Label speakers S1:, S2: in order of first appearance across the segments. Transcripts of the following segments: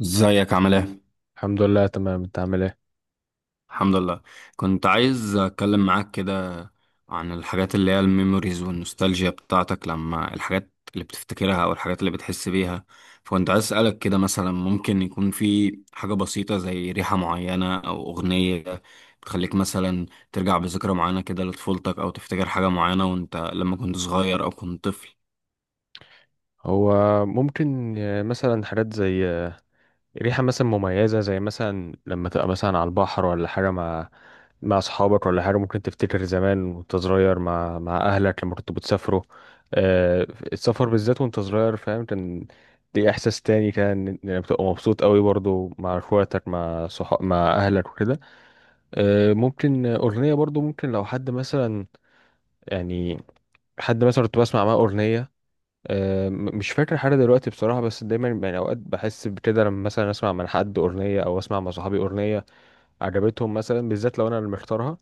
S1: ازيك عامل ايه؟
S2: الحمد لله تمام. انت عامل ايه؟
S1: الحمد لله. كنت عايز اتكلم معاك كده عن الحاجات اللي هي الميموريز والنوستالجيا بتاعتك، لما الحاجات اللي بتفتكرها او الحاجات اللي بتحس بيها. فكنت عايز اسألك كده، مثلا ممكن يكون في حاجة بسيطة زي ريحة معينة او اغنية بتخليك مثلا ترجع بذكرى معينة كده لطفولتك، او تفتكر حاجة معينة وانت لما كنت صغير او كنت طفل.
S2: هو ممكن مثلا حاجات زي ريحة مثلا مميزة، زي مثلا لما تبقى مثلا على البحر ولا حاجة مع اصحابك، ولا حاجة ممكن تفتكر زمان وانت صغير مع اهلك لما كنتوا بتسافروا. آه، السفر بالذات وانت صغير، فاهم، كان دي احساس تاني. كان انك بتبقى مبسوط قوي برضو مع اخواتك، مع صحاب، مع اهلك وكده. ممكن اغنية برضو، ممكن لو حد مثلا يعني حد مثلا كنت بسمع معاه اغنية. مش فاكر حاجة دلوقتي بصراحة، بس دايما يعني أوقات بحس بكده لما مثلا أسمع من حد أغنية أو أسمع مع صحابي أغنية عجبتهم، مثلا بالذات لو أنا اللي مختارها.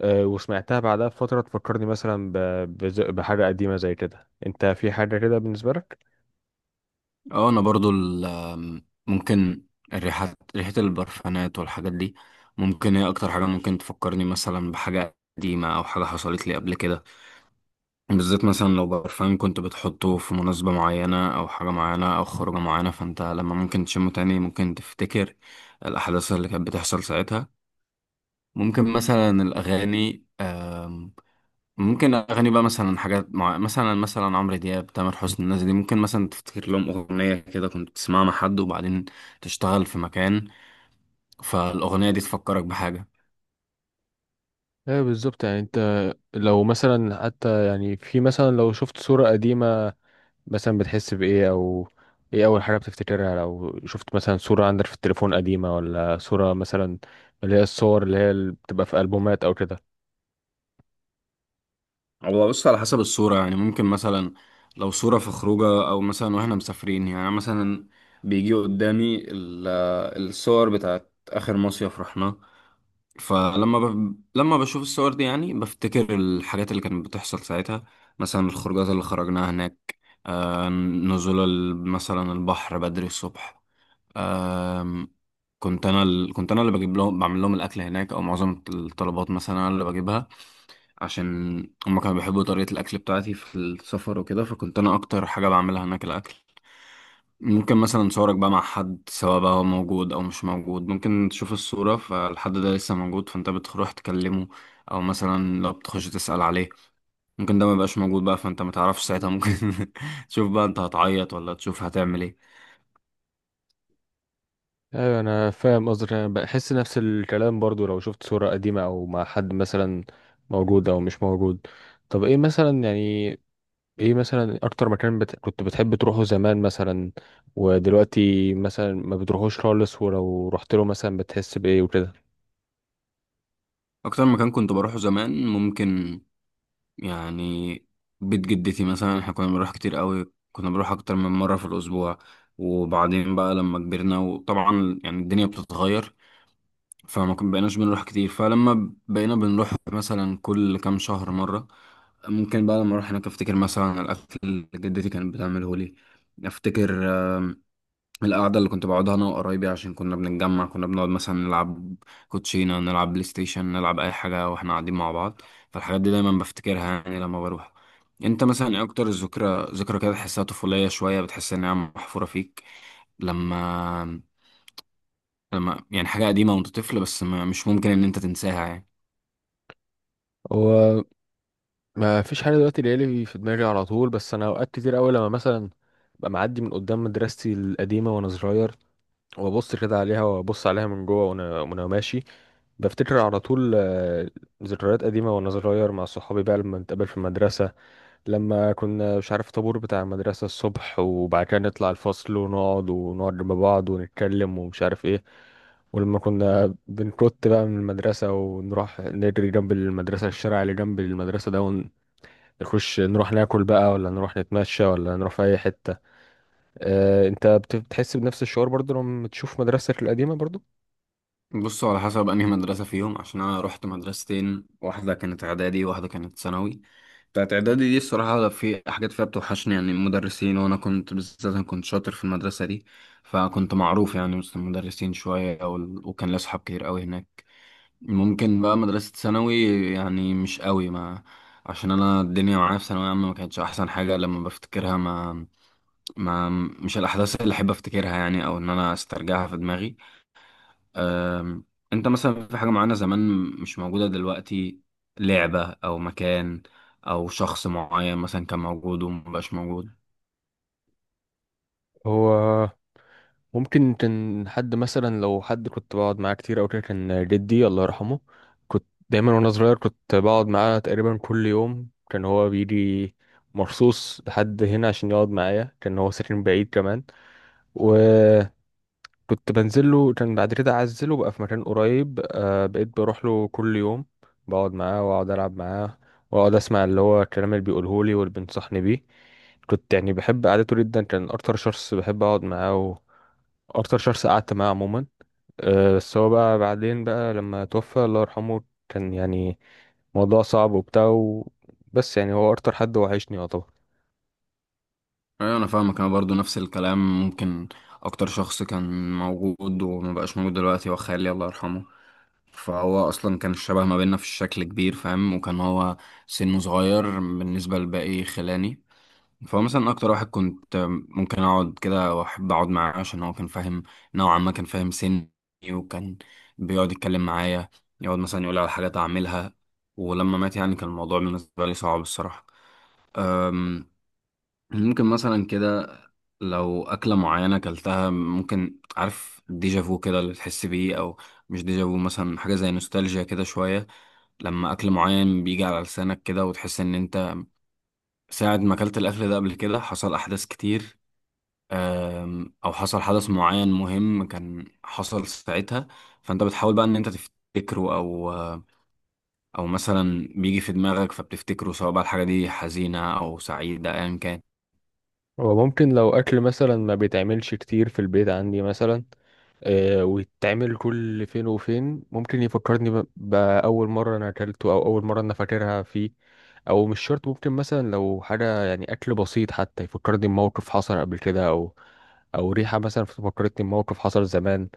S2: وسمعتها بعدها بفترة تفكرني مثلا بحاجة قديمة زي كده. أنت في حاجة كده بالنسبة لك؟
S1: اه، انا برضو ال- آم، ممكن الريحات، ريحة البرفانات والحاجات دي، ممكن هي اكتر حاجة ممكن تفكرني مثلا بحاجة قديمة او حاجة حصلت لي قبل كده. بالذات مثلا لو برفان كنت بتحطه في مناسبة معينة او حاجة معينة او خروجة معينة، فانت لما ممكن تشمه تاني ممكن تفتكر الاحداث اللي كانت بتحصل ساعتها. ممكن مثلا الاغاني، ممكن اغاني بقى مثلا حاجات مثلا عمرو دياب، تامر حسني، الناس دي ممكن مثلا تفتكر لهم اغنيه كده كنت تسمعها مع حد، وبعدين تشتغل في مكان، فالاغنيه دي تفكرك بحاجه.
S2: ايه بالظبط. يعني انت لو مثلا حتى، يعني في مثلا، لو شفت صورة قديمة مثلا بتحس بإيه؟ أو إيه أول حاجة بتفتكرها لو شفت مثلا صورة عندك في التليفون قديمة، ولا صورة مثلا اللي هي الصور اللي هي اللي بتبقى في ألبومات أو كده؟
S1: هو بص، على حسب الصوره يعني، ممكن مثلا لو صوره في خروجه او مثلا واحنا مسافرين، يعني مثلا بيجي قدامي الصور بتاعت اخر مصيف رحناه. لما بشوف الصور دي يعني بفتكر الحاجات اللي كانت بتحصل ساعتها، مثلا الخروجات اللي خرجناها هناك، نزول مثلا البحر بدري الصبح. آه كنت انا اللي بجيب لهم، بعمل لهم الاكل هناك، او معظم الطلبات مثلا انا اللي بجيبها، عشان هم كانوا بيحبوا طريقة الاكل بتاعتي في السفر وكده. فكنت انا اكتر حاجة بعملها هناك الاكل. ممكن مثلا صورك بقى مع حد، سواء بقى هو موجود او مش موجود، ممكن تشوف الصورة فالحد ده لسه موجود فانت بتروح تكلمه، او مثلا لو بتخش تسأل عليه. ممكن ده ما يبقاش موجود بقى، فانت ما تعرفش ساعتها، ممكن تشوف بقى انت هتعيط ولا تشوف هتعمل ايه.
S2: أيوة، أنا فاهم قصدك. أنا بحس نفس الكلام برضو لو شفت صورة قديمة أو مع حد مثلا موجود أو مش موجود. طب إيه مثلا يعني إيه مثلا أكتر مكان كنت بتحب تروحه زمان مثلا ودلوقتي مثلا ما بتروحوش خالص؟ ولو رحت له مثلا بتحس بإيه وكده؟
S1: اكتر مكان كنت بروحه زمان، ممكن يعني بيت جدتي مثلا. احنا كنا بنروح كتير قوي، كنا بنروح اكتر من مرة في الاسبوع. وبعدين بقى لما كبرنا، وطبعا يعني الدنيا بتتغير، فما كن بقيناش بنروح كتير، فلما بقينا بنروح مثلا كل كام شهر مرة. ممكن بقى لما اروح هناك افتكر مثلا على الاكل اللي جدتي كانت بتعمله لي. افتكر آم، القعدة اللي كنت بقعدها انا وقرايبي، عشان كنا بنتجمع، كنا بنقعد مثلا نلعب كوتشينة، نلعب بلاي ستيشن، نلعب اي حاجة واحنا قاعدين مع بعض. فالحاجات دي دايما بفتكرها يعني لما بروح. انت مثلا ايه اكتر ذكرى كده تحسها طفولية شوية، بتحس انها محفورة فيك، لما يعني حاجة قديمة وانت طفل، بس ما مش ممكن ان انت تنساها يعني؟
S2: ما فيش حاجه دلوقتي ليالي في دماغي على طول، بس انا اوقات كتير قوي لما مثلا ببقى معدي من قدام مدرستي القديمه وانا صغير، وابص كده عليها وابص عليها من جوه، وانا ماشي، بفتكر على طول. ذكريات قديمه وانا صغير مع صحابي بقى لما نتقابل في المدرسه، لما كنا مش عارف طابور بتاع المدرسه الصبح، وبعد كده نطلع الفصل ونقعد مع بعض ونتكلم ومش عارف ايه. ولما كنا بنكت بقى من المدرسة ونروح نجري جنب المدرسة، الشارع اللي جنب المدرسة ده، نخش نروح ناكل بقى، ولا نروح نتمشى، ولا نروح في اي حتة. انت بتحس بنفس الشعور برضو لما تشوف مدرستك القديمة برضو؟
S1: بصوا، على حسب انهي مدرسة فيهم، عشان انا رحت مدرستين، واحدة كانت اعدادي وواحدة كانت ثانوي. بتاعت اعدادي دي الصراحة في حاجات فيها بتوحشني يعني المدرسين، وانا كنت بالذات انا كنت شاطر في المدرسة دي، فكنت معروف يعني وسط المدرسين شوية، وكان لي اصحاب كتير قوي هناك. ممكن بقى مدرسة ثانوي يعني مش قوي، ما عشان انا الدنيا معايا في ثانوية عامة ما كانتش احسن حاجة لما بفتكرها، ما ما مش الأحداث اللي أحب أفتكرها يعني، أو إن أنا أسترجعها في دماغي. أم، أنت مثلا في حاجة معينة زمان مش موجودة دلوقتي؟ لعبة أو مكان أو شخص معين مثلا كان موجود ومبقاش موجود؟
S2: هو ممكن كان حد مثلا، لو حد كنت بقعد معاه كتير او كده، كان جدي الله يرحمه. كنت دايما وانا صغير كنت بقعد معاه تقريبا كل يوم. كان هو بيجي مرصوص لحد هنا عشان يقعد معايا، كان هو ساكن بعيد كمان. و كنت بنزل له. كان بعد كده عزله بقى في مكان قريب، بقيت بروح له كل يوم، بقعد معاه واقعد العب معاه، واقعد اسمع اللي هو الكلام اللي بيقوله لي واللي بينصحني بيه. كنت يعني بحب قعدته جدا. كان اكتر شخص بحب اقعد معاه واكتر شخص قعدت معاه عموما. بس هو بقى بعدين بقى لما توفى الله يرحمه كان يعني موضوع صعب وبتاع بس يعني هو اكتر حد وحشني يعتبر.
S1: أيوة، أنا فاهمك، أنا برضو نفس الكلام. ممكن أكتر شخص كان موجود ومبقاش موجود دلوقتي هو خالي، الله يرحمه. فهو أصلا كان الشبه ما بيننا في الشكل كبير، فاهم، وكان هو سنه صغير بالنسبة لباقي خلاني. فهو مثلا اكتر واحد كنت ممكن اقعد كده واحب اقعد معاه، عشان هو كان فاهم نوعا ما، كان فاهم سني، وكان بيقعد يتكلم معايا، يقعد مثلا يقول على حاجات اعملها. ولما مات يعني كان الموضوع بالنسبه لي صعب الصراحه. أم، ممكن مثلا كده لو اكله معينه اكلتها، ممكن، عارف، ديجافو كده اللي تحس بيه، او مش ديجافو، مثلا حاجه زي نوستالجيا كده شويه. لما اكل معين بيجي على لسانك كده وتحس ان انت ساعة ما اكلت الاكل ده قبل كده حصل احداث كتير، او حصل حدث معين مهم كان حصل ساعتها، فانت بتحاول بقى ان انت تفتكره، او مثلا بيجي في دماغك فبتفتكره، سواء بقى الحاجة دي حزينة او سعيدة، ايا كان.
S2: هو ممكن لو اكل مثلا ما بيتعملش كتير في البيت عندي مثلا، ويتعمل كل فين وفين، ممكن يفكرني بأول مرة أنا أكلته أو أول مرة أنا فاكرها فيه. أو مش شرط، ممكن مثلا لو حاجة يعني أكل بسيط حتى يفكرني بموقف حصل قبل كده. أو ريحة مثلا فكرتني بموقف حصل زمان.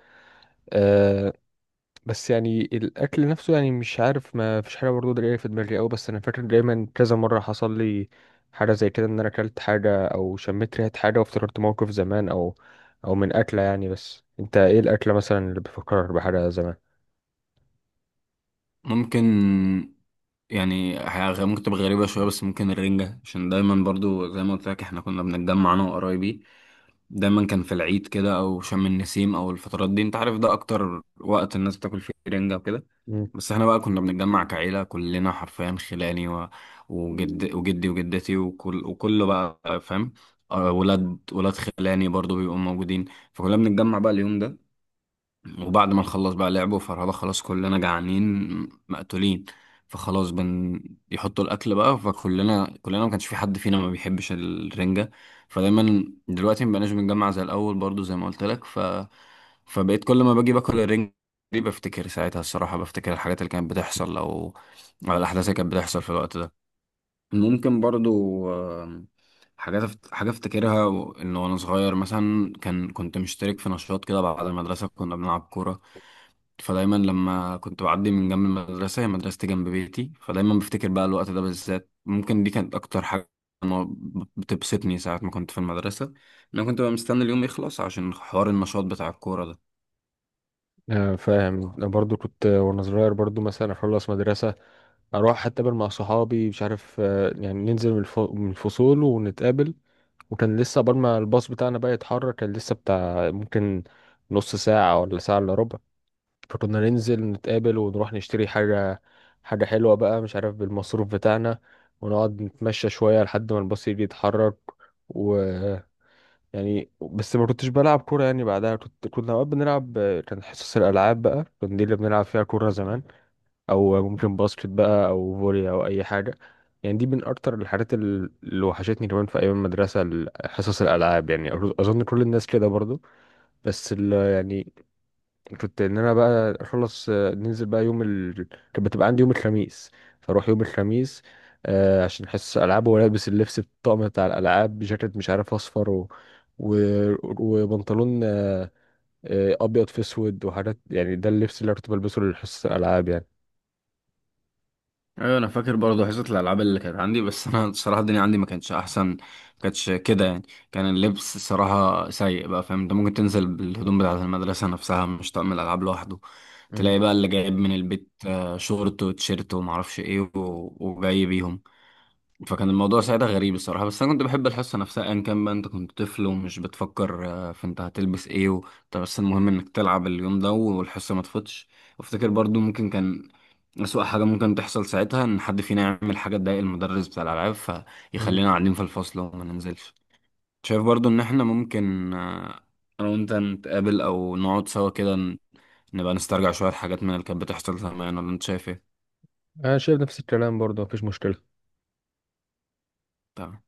S2: آه، بس يعني الاكل نفسه يعني مش عارف، ما فيش حاجه برضه جايه في دماغي قوي. بس انا فاكر دايما كذا مره حصل لي حاجه زي كده، ان انا اكلت حاجه او شميت ريحه حاجه وافتكرت موقف زمان، او من اكله يعني. بس انت ايه الاكله مثلا اللي بتفكر بحاجه زمان؟
S1: ممكن يعني ممكن تبقى غريبة شوية، بس ممكن الرنجة، عشان دايما برضو زي ما قلت لك احنا كنا بنتجمع انا وقرايبي. دايما كان في العيد كده او شم النسيم او الفترات دي، انت عارف ده اكتر وقت الناس بتاكل فيه رنجة وكده.
S2: مم.
S1: بس احنا بقى كنا بنتجمع كعيلة كلنا حرفيا، خلاني وجدي وجدتي، وكله بقى فاهم. ولاد خلاني برضو بيبقوا موجودين. فكلنا بنتجمع بقى اليوم ده، وبعد ما نخلص بقى لعبه فرهدة خلاص كلنا جعانين مقتولين، فخلاص يحطوا الاكل بقى. فكلنا ما كانش في حد فينا ما بيحبش الرنجة. فدايما دلوقتي ما بقناش بنجمع زي الاول، برضو زي ما قلت لك. فبقيت كل ما باجي باكل الرنجة دي بفتكر ساعتها الصراحة، بفتكر الحاجات اللي كانت بتحصل، أو الاحداث اللي كانت بتحصل في الوقت ده. ممكن برضو آم، حاجة افتكرها ان وانا صغير مثلا كنت مشترك في نشاط كده بعد المدرسة، كنا بنلعب كورة. فدايما لما كنت بعدي من جنب المدرسة، هي مدرستي جنب بيتي، فدايما بفتكر بقى الوقت ده بالذات. ممكن دي كانت اكتر حاجة أنا بتبسطني ساعة ما كنت في المدرسة، إن انا كنت بقى مستني اليوم يخلص عشان حوار النشاط بتاع الكورة ده.
S2: فاهم. أنا برضو كنت وانا صغير برضو مثلا اخلص مدرسه، اروح اتقابل مع صحابي، مش عارف، يعني ننزل من الفصول ونتقابل. وكان لسه قبل ما الباص بتاعنا بقى يتحرك كان لسه بتاع ممكن نص ساعه ولا ساعه الا ربع. فكنا ننزل نتقابل ونروح نشتري حاجة، حاجة حلوة بقى مش عارف بالمصروف بتاعنا، ونقعد نتمشى شوية لحد ما الباص يجي يتحرك. و يعني بس ما كنتش بلعب كورة يعني بعدها، كنا أوقات بنلعب. كان حصص الألعاب بقى كان دي اللي بنلعب فيها كورة زمان، أو ممكن باسكت بقى أو فولي أو أي حاجة. يعني دي من أكتر الحاجات اللي وحشتني كمان في أيام المدرسة، حصص الألعاب، يعني أظن كل الناس كده برضو. بس يعني كنت ان انا بقى اخلص، ننزل بقى يوم كانت بتبقى عندي يوم الخميس. فاروح يوم الخميس عشان حصص العاب، والبس اللبس الطقم بتاع الالعاب، بجاكيت مش عارف اصفر و... وبنطلون ابيض في اسود، وحاجات يعني ده اللبس اللي أنا كنت بلبسه لحصص الالعاب يعني.
S1: ايوه، انا فاكر برضه حصه الالعاب اللي كانت عندي، بس انا الصراحه الدنيا عندي ما كانتش احسن، ما كانتش كده يعني. كان اللبس الصراحه سيء بقى، فاهم، انت ممكن تنزل بالهدوم بتاعه المدرسه نفسها مش طقم الالعاب لوحده.
S2: مم.
S1: تلاقي بقى اللي جايب من البيت شورت وتيشيرت وما اعرفش ايه، وجاي بيهم. فكان الموضوع ساعتها غريب الصراحة، بس أنا كنت بحب الحصة نفسها أيا كان بقى. أنت كنت طفل ومش بتفكر في أنت هتلبس إيه طب بس المهم إنك تلعب اليوم ده والحصة ما تفوتش. وافتكر برضو ممكن كان أسوأ حاجة ممكن تحصل ساعتها إن حد فينا يعمل حاجة تضايق المدرس بتاع الألعاب،
S2: مم.
S1: فيخلينا قاعدين في الفصل وما ننزلش. شايف برضو إن إحنا ممكن أنا وأنت نتقابل أو نقعد سوا كده، نبقى نسترجع شوية حاجات من اللي كانت بتحصل زمان، ولا أنت شايف إيه؟
S2: انا شايف نفس الكلام برضه مفيش مشكله.
S1: تمام.